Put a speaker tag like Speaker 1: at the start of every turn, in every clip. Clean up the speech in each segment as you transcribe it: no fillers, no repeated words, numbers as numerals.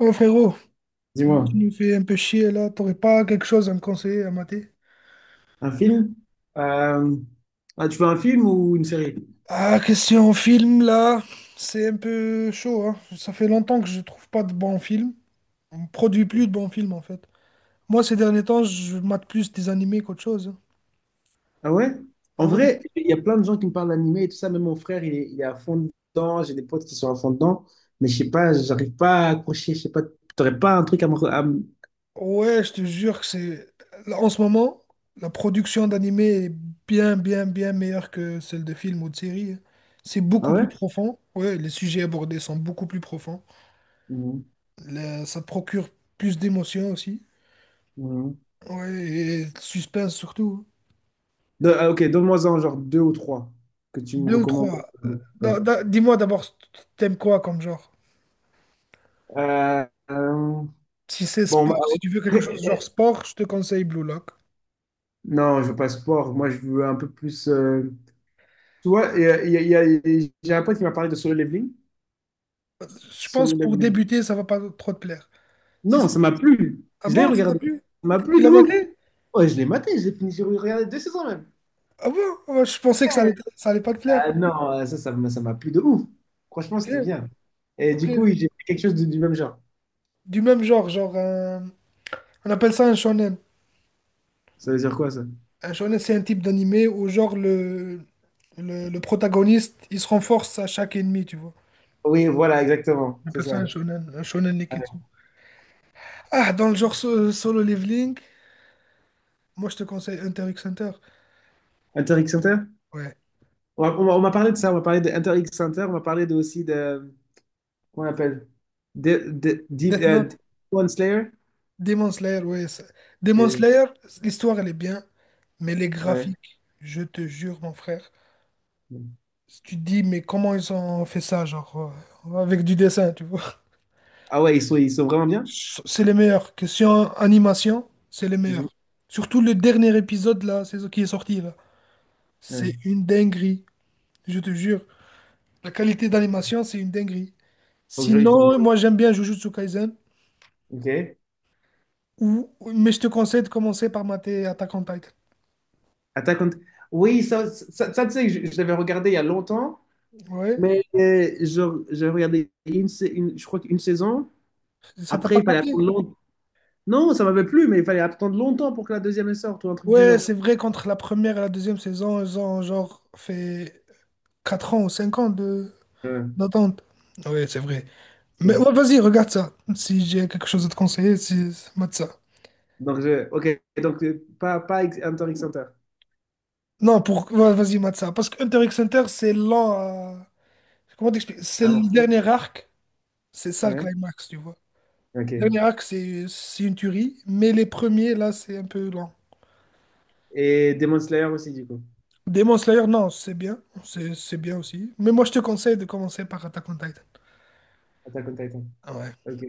Speaker 1: Oh frérot,
Speaker 2: Dis-moi,
Speaker 1: tu me fais un peu chier là, t'aurais pas quelque chose à me conseiller à mater?
Speaker 2: un film? Euh, Ah, tu veux un film ou une série?
Speaker 1: Ah, question film là, c'est un peu chaud, hein. Ça fait longtemps que je trouve pas de bons films. On produit plus de bons films en fait. Moi ces derniers temps, je mate plus des animés qu'autre chose, hein.
Speaker 2: Ah ouais? En
Speaker 1: Ouais.
Speaker 2: vrai, il y a plein de gens qui me parlent d'animé et tout ça. Même mon frère, il est à fond dedans. J'ai des potes qui sont à fond dedans. Mais je sais pas, j'arrive pas à accrocher. Je sais pas, t'aurais pas un truc
Speaker 1: Ouais, je te jure que c'est. Là, en ce moment, la production d'animés est bien, bien, bien meilleure que celle de films ou de séries, hein. C'est
Speaker 2: Ah
Speaker 1: beaucoup plus
Speaker 2: ouais?
Speaker 1: profond. Ouais, les sujets abordés sont beaucoup plus profonds.
Speaker 2: Mhm.
Speaker 1: Ça procure plus d'émotions aussi.
Speaker 2: Mhm.
Speaker 1: Ouais, et de suspense surtout.
Speaker 2: Ah, ok, donne-moi-en genre deux ou trois que tu me
Speaker 1: Deux ou
Speaker 2: recommandes.
Speaker 1: trois.
Speaker 2: Ouais.
Speaker 1: Dis-moi d'abord, t'aimes quoi comme genre?
Speaker 2: Euh, euh,
Speaker 1: Si c'est
Speaker 2: bon, bah,
Speaker 1: sport, si tu veux quelque chose genre sport, je te conseille Blue Lock.
Speaker 2: non, je veux pas sport. Moi, je veux un peu plus. Tu vois, et j'ai un pote qui m'a parlé de solo leveling.
Speaker 1: Je pense
Speaker 2: Solo
Speaker 1: pour
Speaker 2: leveling.
Speaker 1: débuter, ça va pas trop te plaire. Si
Speaker 2: Non,
Speaker 1: c'est-
Speaker 2: ça m'a plu.
Speaker 1: ah
Speaker 2: Je l'ai
Speaker 1: bon, ça t'a
Speaker 2: regardé.
Speaker 1: plu?
Speaker 2: Ça m'a
Speaker 1: Tu
Speaker 2: plu de
Speaker 1: l'as
Speaker 2: ouf.
Speaker 1: maté?
Speaker 2: Ouais, je l'ai maté, j'ai fini, j'ai regardé deux saisons même.
Speaker 1: Ah bon? Ah ouais, je pensais que ça allait pas te plaire.
Speaker 2: Ah non, ça m'a plu de ouf. Franchement, c'était
Speaker 1: Ok,
Speaker 2: bien. Et
Speaker 1: ok.
Speaker 2: du coup, j'ai fait quelque chose du même genre.
Speaker 1: Du même genre, genre on appelle ça un shonen.
Speaker 2: Ça veut dire quoi, ça?
Speaker 1: Un shonen, c'est un type d'animé où genre le protagoniste, il se renforce à chaque ennemi, tu vois.
Speaker 2: Oui, voilà, exactement.
Speaker 1: On
Speaker 2: C'est
Speaker 1: appelle ça
Speaker 2: ça.
Speaker 1: un shonen Neketsu.
Speaker 2: Ouais.
Speaker 1: Ah, dans le genre Solo Leveling, moi je te conseille Hunter x Hunter.
Speaker 2: Inter X Center?
Speaker 1: Ouais.
Speaker 2: On m'a parlé de ça, on m'a parlé de Inter X Center, on m'a parlé de, aussi de. Comment on appelle?
Speaker 1: Death Note,
Speaker 2: Deep One Slayer?
Speaker 1: Demon Slayer, ouais. Demon
Speaker 2: Que-
Speaker 1: Slayer, l'histoire elle est bien, mais les
Speaker 2: ouais.
Speaker 1: graphiques, je te jure, mon frère. Si tu te dis, mais comment ils ont fait ça, genre, avec du dessin, tu vois.
Speaker 2: Ah ouais, ils sont vraiment bien?
Speaker 1: C'est les meilleurs. Question animation, c'est les
Speaker 2: Mhm.
Speaker 1: meilleurs. Surtout le dernier épisode là, c'est ce qui est sorti là.
Speaker 2: Ouais.
Speaker 1: C'est une dinguerie, je te jure. La qualité d'animation, c'est une dinguerie.
Speaker 2: Il faut
Speaker 1: Sinon,
Speaker 2: que
Speaker 1: moi j'aime bien Jujutsu Kaisen,
Speaker 2: je... Ok.
Speaker 1: mais je te conseille de commencer par mater Attack on Titan.
Speaker 2: Attack on- Oui, ça, tu sais, je l'avais regardé il y a longtemps,
Speaker 1: Ouais,
Speaker 2: mais j'ai regardé je crois qu'une saison.
Speaker 1: ça t'a
Speaker 2: Après,
Speaker 1: pas
Speaker 2: il fallait attendre
Speaker 1: capté?
Speaker 2: longtemps. Non, ça m'avait plu, mais il fallait attendre longtemps pour que la deuxième elle sorte ou un truc du
Speaker 1: Ouais,
Speaker 2: genre.
Speaker 1: c'est vrai qu'entre la première et la deuxième saison, ils ont genre fait 4 ans ou 5 ans de
Speaker 2: Ouais,
Speaker 1: d'attente. Ouais, c'est vrai. Mais
Speaker 2: c'est-
Speaker 1: ouais, vas-y, regarde ça. Si j'ai quelque chose à te conseiller, si, mate ça.
Speaker 2: donc, ok, donc pas, Hunter x Hunter.
Speaker 1: Non, pour, ouais, vas-y, mate ça. Parce que Hunter x Hunter, c'est lent à... Comment t'expliques? C'est
Speaker 2: Ah,
Speaker 1: le
Speaker 2: Marseille.
Speaker 1: dernier arc, c'est ça le
Speaker 2: Ouais,
Speaker 1: climax, tu vois.
Speaker 2: ok.
Speaker 1: Dernier acte, c'est une tuerie, mais les premiers, là, c'est un peu lent.
Speaker 2: Et Demon Slayer aussi, du coup.
Speaker 1: Demon Slayer, non, c'est bien, c'est bien aussi. Mais moi, je te conseille de commencer par Attack on Titan.
Speaker 2: Attack on Titan.
Speaker 1: Ah ouais,
Speaker 2: Ok.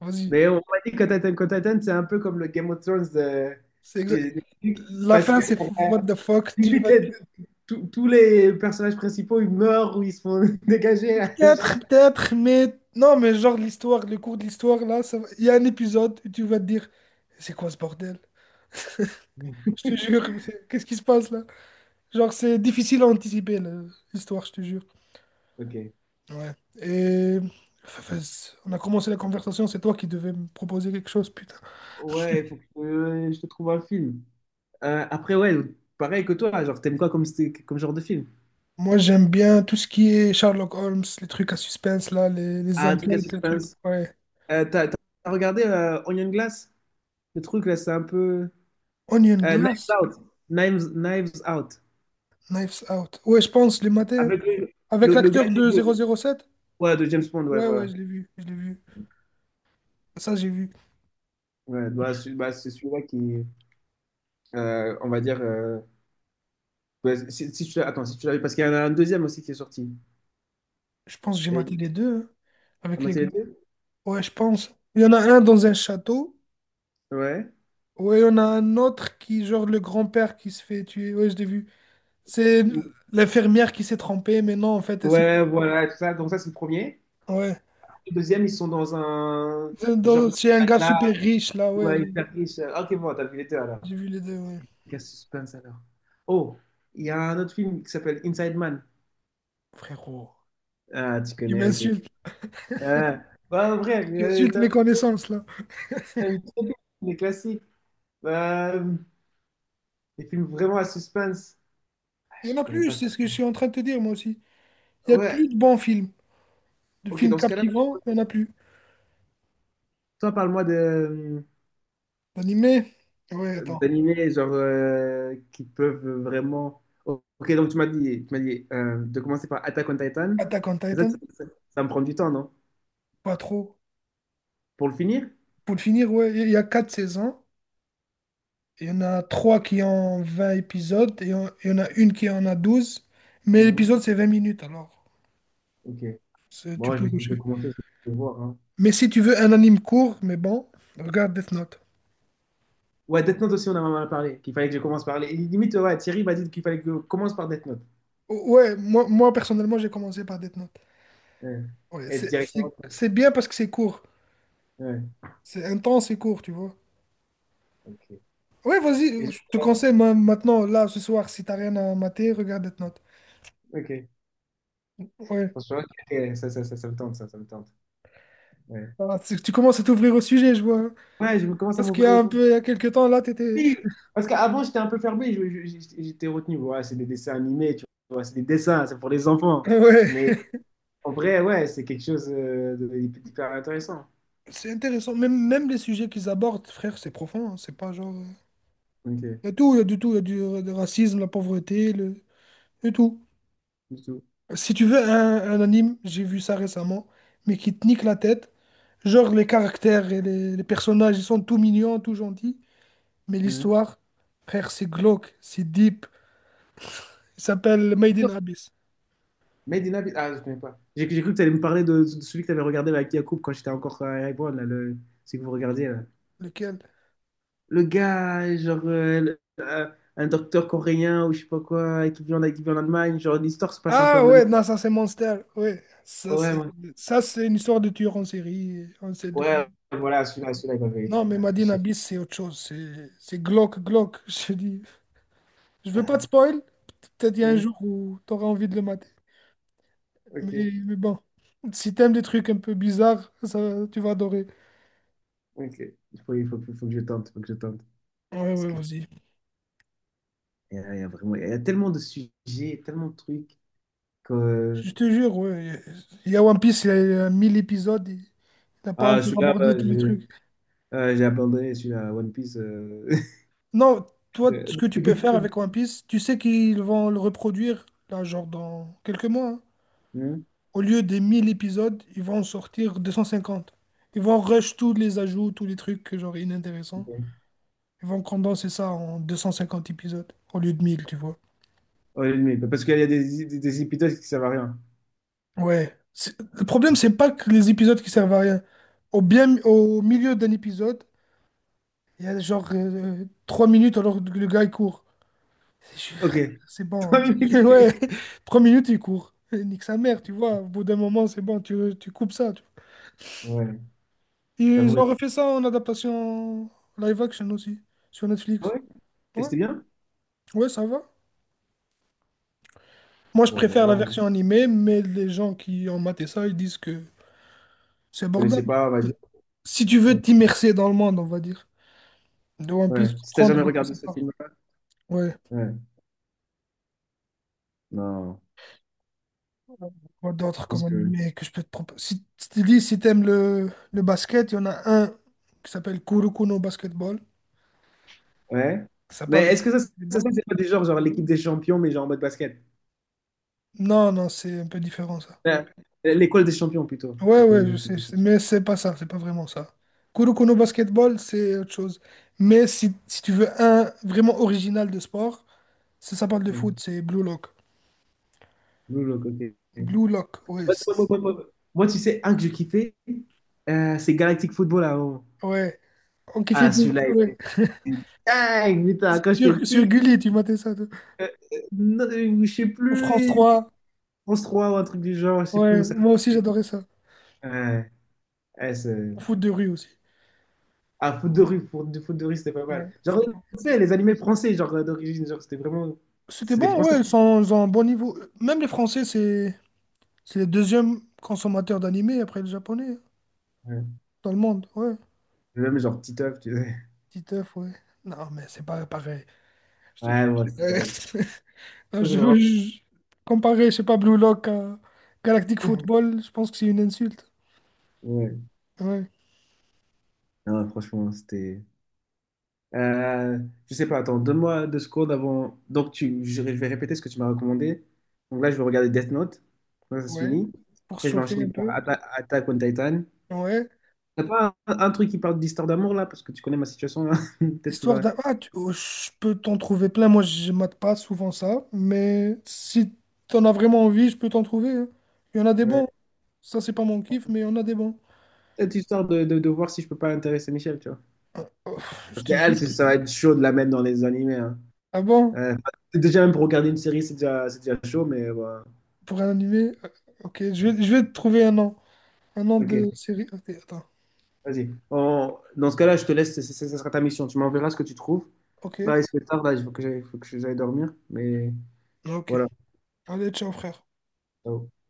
Speaker 1: vas-y.
Speaker 2: Mais on m'a dit que Attack on Titan, c'est un peu comme le Game of Thrones,
Speaker 1: C'est exact.
Speaker 2: des trucs,
Speaker 1: La
Speaker 2: parce
Speaker 1: fin,
Speaker 2: que
Speaker 1: c'est what the fuck. Tu
Speaker 2: limite,
Speaker 1: vas
Speaker 2: tous les personnages principaux, ils meurent ou ils se font dégager.
Speaker 1: peut-être, peut-être, mais non, mais genre l'histoire, le cours de l'histoire, là, il y a un épisode où tu vas te dire, c'est quoi ce bordel? Je te jure, qu'est-ce qui se passe là? Genre, c'est difficile à anticiper, l'histoire, je te jure.
Speaker 2: Ok.
Speaker 1: Ouais. Et on a commencé la conversation, c'est toi qui devais me proposer quelque chose, putain.
Speaker 2: Ouais, il faut que je te trouve un film. Après, ouais, pareil que toi, genre, t'aimes quoi comme, comme genre de film?
Speaker 1: Moi, j'aime bien tout ce qui est Sherlock Holmes, les trucs à suspense, là, les
Speaker 2: Ah, un truc à
Speaker 1: enquêtes, les trucs.
Speaker 2: suspense.
Speaker 1: Ouais.
Speaker 2: T'as regardé Onion Glass? Le truc, là, c'est un peu...
Speaker 1: Onion
Speaker 2: Knives
Speaker 1: Glass,
Speaker 2: Out. Knives Out.
Speaker 1: Knives Out. Ouais, je pense, les matins, hein.
Speaker 2: Avec
Speaker 1: Avec
Speaker 2: le gars
Speaker 1: l'acteur
Speaker 2: qui
Speaker 1: de
Speaker 2: joue...
Speaker 1: 007?
Speaker 2: Ouais, de James Bond, ouais,
Speaker 1: Ouais, ouais,
Speaker 2: voilà.
Speaker 1: je l'ai vu, je l'ai vu. Ça, j'ai vu.
Speaker 2: Ouais, bah, c'est, bah, c'est celui-là qui, on va dire, ouais, si, si tu l'as, attends, si tu l'as vu, parce qu'il y en a un deuxième aussi qui est sorti.
Speaker 1: Je pense que j'ai maté
Speaker 2: Et-
Speaker 1: les deux, hein,
Speaker 2: T'as
Speaker 1: avec les
Speaker 2: maté les
Speaker 1: gars.
Speaker 2: deux?
Speaker 1: Ouais, je pense. Il y en a un dans un château.
Speaker 2: Ouais.
Speaker 1: Ouais, il y en a un autre qui, genre, le grand-père qui se fait tuer. Ouais, je l'ai vu. C'est l'infirmière qui s'est trompée, mais non, en fait, elle s'est... pas
Speaker 2: Ouais,
Speaker 1: trompée.
Speaker 2: voilà, tout ça. Donc ça, c'est le premier.
Speaker 1: Ouais.
Speaker 2: Le deuxième, ils sont dans un
Speaker 1: C'est
Speaker 2: genre
Speaker 1: dans-
Speaker 2: de
Speaker 1: c'est
Speaker 2: truc
Speaker 1: un
Speaker 2: à
Speaker 1: gars
Speaker 2: glace,
Speaker 1: super riche, là, ouais.
Speaker 2: ouais,
Speaker 1: J'ai
Speaker 2: hyper riche. Ok, bon, t'as vu les deux alors.
Speaker 1: j'ai vu les deux, ouais.
Speaker 2: Quel suspense alors. Oh, il y a un autre film qui s'appelle Inside Man.
Speaker 1: Frérot.
Speaker 2: Ah, tu
Speaker 1: Tu
Speaker 2: connais, ok.
Speaker 1: m'insultes.
Speaker 2: Euh, bah, frère,
Speaker 1: Tu insultes
Speaker 2: t'as
Speaker 1: mes connaissances, là.
Speaker 2: t'as une trop les classiques. Bah, des films vraiment à suspense.
Speaker 1: Il y en
Speaker 2: Je
Speaker 1: a
Speaker 2: reconnais
Speaker 1: plus,
Speaker 2: pas.
Speaker 1: c'est ce que je suis en train de te dire, moi aussi. Il y a
Speaker 2: Ouais,
Speaker 1: plus de bons films. De
Speaker 2: ok,
Speaker 1: films
Speaker 2: dans ce cas-là,
Speaker 1: captivants, il y en a plus.
Speaker 2: toi, parle-moi de
Speaker 1: D'animés, ouais, attends.
Speaker 2: d'animés genre qui peuvent vraiment. Ok, donc tu m'as dit de commencer par Attack on Titan.
Speaker 1: Attack on
Speaker 2: Mais ça,
Speaker 1: Titan,
Speaker 2: ça me prend du temps, non?
Speaker 1: pas trop.
Speaker 2: Pour le finir?
Speaker 1: Pour le finir, ouais, il y a 4 saisons. Il y en a trois qui ont 20 épisodes. Il y en a une qui en a 12. Mais
Speaker 2: Mhm.
Speaker 1: l'épisode, c'est 20 minutes, alors.
Speaker 2: Ok.
Speaker 1: Tu
Speaker 2: Bon, je
Speaker 1: peux
Speaker 2: vais je vais
Speaker 1: cocher.
Speaker 2: commencer, je vais voir. Hein.
Speaker 1: Mais si tu veux un anime court, mais bon, regarde Death Note.
Speaker 2: Ouais, Death Note aussi, on en a parlé, qu'il fallait que je commence par les. Limite, ouais, Thierry m'a dit qu'il fallait que je commence par Death Note.
Speaker 1: Ouais, moi personnellement, j'ai commencé par Death Note.
Speaker 2: Ouais.
Speaker 1: Ouais,
Speaker 2: Et
Speaker 1: c'est c'est-
Speaker 2: directement. Ouais.
Speaker 1: c'est bien parce que c'est court.
Speaker 2: Ouais,
Speaker 1: C'est intense et court, tu vois.
Speaker 2: ok.
Speaker 1: Ouais,
Speaker 2: Et
Speaker 1: vas-y,
Speaker 2: je-
Speaker 1: je te conseille maintenant, là, ce soir, si t'as rien à mater, regarde Death Note.
Speaker 2: Ok.
Speaker 1: Ouais,
Speaker 2: Franchement, ok, ça me tente, ça me tente. Ouais.
Speaker 1: ah, tu commences à t'ouvrir au sujet, je vois, hein.
Speaker 2: Ouais, je me commence à
Speaker 1: Parce qu'il y
Speaker 2: m'ouvrir
Speaker 1: a un
Speaker 2: aussi.
Speaker 1: peu, il y a quelques temps, là, t'étais...
Speaker 2: Oui, parce qu'avant, j'étais un peu fermé, j'étais retenu. Ouais, c'est des dessins animés, tu vois, c'est des dessins, c'est pour les enfants. Mais
Speaker 1: Ouais,
Speaker 2: en vrai, ouais, c'est quelque chose d'hyper intéressant.
Speaker 1: c'est intéressant. Même, même les sujets qu'ils abordent, frère, c'est profond, hein. C'est pas genre...
Speaker 2: Ok,
Speaker 1: Il y a tout, il y a du tout. Il y a du racisme, la pauvreté, le... et tout.
Speaker 2: du tout.
Speaker 1: Si tu veux un anime, j'ai vu ça récemment, mais qui te nique la tête. Genre les caractères et les personnages, ils sont tout mignons, tout gentils. Mais
Speaker 2: Mhm.
Speaker 1: l'histoire, frère, c'est glauque, c'est deep. Il s'appelle Made in
Speaker 2: Donc,
Speaker 1: Abyss.
Speaker 2: Made in Abyss, ah, je connais pas. J'ai cru que tu allais me parler de celui que tu avais regardé avec Yacoub quand j'étais encore à Erevan, là, le, celui que vous regardiez, là.
Speaker 1: Lequel?
Speaker 2: Le gars, genre, un docteur coréen ou je sais pas quoi, qui vit en Allemagne, genre, l'histoire se passe un peu en
Speaker 1: Ah
Speaker 2: Allemagne.
Speaker 1: ouais, non, ça c'est Monster. Ouais, ça
Speaker 2: Ouais,
Speaker 1: c'est
Speaker 2: ouais.
Speaker 1: ça c'est une histoire de tueur en série. On sait de...
Speaker 2: Ouais, voilà, celui-là, il m'avait
Speaker 1: Non,
Speaker 2: il
Speaker 1: mais
Speaker 2: m'avait
Speaker 1: Made
Speaker 2: fait
Speaker 1: in
Speaker 2: chier.
Speaker 1: Abyss, c'est autre chose. C'est glauque, glauque. Je te dis, je veux pas te spoil. Peut-être il y a un
Speaker 2: Oui,
Speaker 1: jour où tu auras envie de le mater.
Speaker 2: ok,
Speaker 1: Mais bon, si t'aimes des trucs un peu bizarres, ça, tu vas adorer.
Speaker 2: ok. Il faut que je tente, il faut que je tente.
Speaker 1: Ouais,
Speaker 2: Parce
Speaker 1: ouais,
Speaker 2: que
Speaker 1: vas-y.
Speaker 2: il y a vraiment, il y a tellement de sujets, tellement de trucs que...
Speaker 1: Je te jure, ouais. Il y a One Piece, il y a 1 000 épisodes, et t'as pas
Speaker 2: Ah,
Speaker 1: encore
Speaker 2: celui-là, bah,
Speaker 1: abordé tous les trucs.
Speaker 2: j'ai abandonné celui-là, One Piece.
Speaker 1: Non, toi, ce que tu peux faire avec One Piece, tu sais qu'ils vont le reproduire, là, genre dans quelques mois, hein.
Speaker 2: Hein.
Speaker 1: Au lieu des 1 000 épisodes, ils vont en sortir 250. Ils vont rush tous les ajouts, tous les trucs, genre inintéressants.
Speaker 2: Ok.
Speaker 1: Ils vont condenser ça en 250 épisodes, au lieu de 1 000, tu vois.
Speaker 2: Oh, l'ennemi, parce qu'il y a des épisodes qui servent à rien.
Speaker 1: Ouais. Le problème, c'est pas que les épisodes qui servent à rien. Au milieu d'un épisode, il y a genre 3 minutes alors que le gars il court. Je suis
Speaker 2: Ok,
Speaker 1: frère, c'est bon,
Speaker 2: trois
Speaker 1: hein.
Speaker 2: minutes.
Speaker 1: Ouais,
Speaker 2: Ok.
Speaker 1: 3 minutes il court. Eh, nique sa mère, tu vois. Au bout d'un moment, c'est bon, tu coupes ça, tu vois.
Speaker 2: Ouais,
Speaker 1: Ils
Speaker 2: j'avoue.
Speaker 1: ont refait ça en adaptation live action aussi, sur
Speaker 2: Ah
Speaker 1: Netflix.
Speaker 2: ouais, et
Speaker 1: Ouais,
Speaker 2: c'était bien?
Speaker 1: ouais, ça va. Moi, je
Speaker 2: Bon, bon,
Speaker 1: préfère la version
Speaker 2: bon.
Speaker 1: animée, mais les gens qui ont maté ça, ils disent que c'est
Speaker 2: Je connaissais
Speaker 1: abordable.
Speaker 2: pas, vas-y.
Speaker 1: Si tu veux t'immerser dans le monde, on va dire. De One
Speaker 2: Ouais,
Speaker 1: Piece,
Speaker 2: si t'as
Speaker 1: comprendre
Speaker 2: jamais
Speaker 1: de quoi
Speaker 2: regardé
Speaker 1: ça
Speaker 2: ce
Speaker 1: parle.
Speaker 2: film-là,
Speaker 1: Ouais,
Speaker 2: ouais, non,
Speaker 1: quoi
Speaker 2: je
Speaker 1: d'autre comme
Speaker 2: pense que.
Speaker 1: animé que je peux te proposer? Si tu dis, si t'aimes le basket, il y en a un qui s'appelle Kuroko no Basketball.
Speaker 2: Ouais.
Speaker 1: Ça
Speaker 2: Mais
Speaker 1: parle de
Speaker 2: est-ce que ça,
Speaker 1: basketball.
Speaker 2: c'est pas du genre, genre l'équipe des champions, mais genre en mode basket?
Speaker 1: Non, non, c'est un peu différent ça.
Speaker 2: Euh, L'école des champions plutôt.
Speaker 1: Ouais,
Speaker 2: Donc,
Speaker 1: ouais,
Speaker 2: L'équipe des
Speaker 1: je sais,
Speaker 2: champions.
Speaker 1: mais c'est pas ça, c'est pas vraiment ça. Kuroko no Basketball, c'est autre chose. Mais si tu veux un vraiment original de sport, ça parle de
Speaker 2: Ouais.
Speaker 1: foot, c'est Blue Lock.
Speaker 2: Blue Lock, ok.
Speaker 1: Blue Lock, ouais.
Speaker 2: Moi, moi, moi, moi, tu sais, un que j'ai kiffais, c'est Galactic Football avant.
Speaker 1: Ouais, on kiffait
Speaker 2: Ah,
Speaker 1: tout.
Speaker 2: celui-là, il
Speaker 1: Ouais.
Speaker 2: était dingue, putain. Quand j'étais
Speaker 1: Sur
Speaker 2: petit,
Speaker 1: Gulli, tu matais ça, toi.
Speaker 2: euh, non, je sais
Speaker 1: Ou France
Speaker 2: plus,
Speaker 1: 3.
Speaker 2: France 3 ou un truc du genre, je sais plus où
Speaker 1: Ouais,
Speaker 2: ça
Speaker 1: moi aussi
Speaker 2: passait.
Speaker 1: j'adorais ça.
Speaker 2: Ouais, ouais,
Speaker 1: Au foot de rue aussi.
Speaker 2: ah, foot de rue, pour du foot de rue, c'était pas mal.
Speaker 1: Ouais,
Speaker 2: Genre,
Speaker 1: c'était bon.
Speaker 2: tu sais, les animés français, genre d'origine, genre, c'était vraiment.
Speaker 1: C'était
Speaker 2: C'est des
Speaker 1: bon, ouais,
Speaker 2: Français.
Speaker 1: ils ont un bon niveau. Même les Français, c'est les deuxièmes consommateurs d'animés après les Japonais, hein,
Speaker 2: Ouais.
Speaker 1: dans le monde. Ouais,
Speaker 2: Même genre Titeuf, tu sais.
Speaker 1: petit œuf, ouais. Non, mais c'est pas pareil. Je te jure.
Speaker 2: Ouais, ouais, c'est
Speaker 1: Ouais.
Speaker 2: drôle.
Speaker 1: Non,
Speaker 2: Ça, c'est
Speaker 1: je veux
Speaker 2: vraiment-
Speaker 1: comparer, je sais pas, Blue Lock à Galactic Football, je pense que c'est une insulte.
Speaker 2: Ouais.
Speaker 1: Ouais.
Speaker 2: Non, franchement, c'était. Euh, je sais pas, attends, donne-moi deux secondes avant. Donc, je vais répéter ce que tu m'as recommandé. Donc là, je vais regarder Death Note. Quand ça se
Speaker 1: Ouais.
Speaker 2: finit.
Speaker 1: Pour se
Speaker 2: Après, je vais
Speaker 1: chauffer
Speaker 2: enchaîner
Speaker 1: un
Speaker 2: par
Speaker 1: peu.
Speaker 2: Attack on Titan.
Speaker 1: Ouais.
Speaker 2: T'as pas un truc qui parle d'histoire d'amour là? Parce que tu connais ma situation là. Peut-être qu'il
Speaker 1: Histoire
Speaker 2: va.
Speaker 1: d'un... Ah, oh, je peux t'en trouver plein. Moi, je mate pas souvent ça. Mais si t'en as vraiment envie, je peux t'en trouver, hein. Il y en a des
Speaker 2: Ouais.
Speaker 1: bons. Ça, c'est pas mon kiff, mais il y en a des bons.
Speaker 2: Cette histoire de, voir si je peux pas intéresser Michel, tu vois.
Speaker 1: Oh, je
Speaker 2: Parce que
Speaker 1: te jure.
Speaker 2: elle, ça va être chaud de la mettre dans les animés. Hein.
Speaker 1: Ah bon?
Speaker 2: Euh, déjà, même pour regarder une série, c'est déjà chaud, mais. Voilà.
Speaker 1: Pour un animé? Ok, je vais te trouver un nom. Un nom
Speaker 2: Ok,
Speaker 1: de série. Ok, attends.
Speaker 2: vas-y. Dans ce cas-là, je te laisse, ça sera ta mission. Tu m'enverras ce que tu trouves.
Speaker 1: Ok.
Speaker 2: Là, il se fait tard, là, il faut que j'aille dormir. Mais
Speaker 1: Ok.
Speaker 2: voilà.
Speaker 1: Allez, ciao, frère.
Speaker 2: Ciao.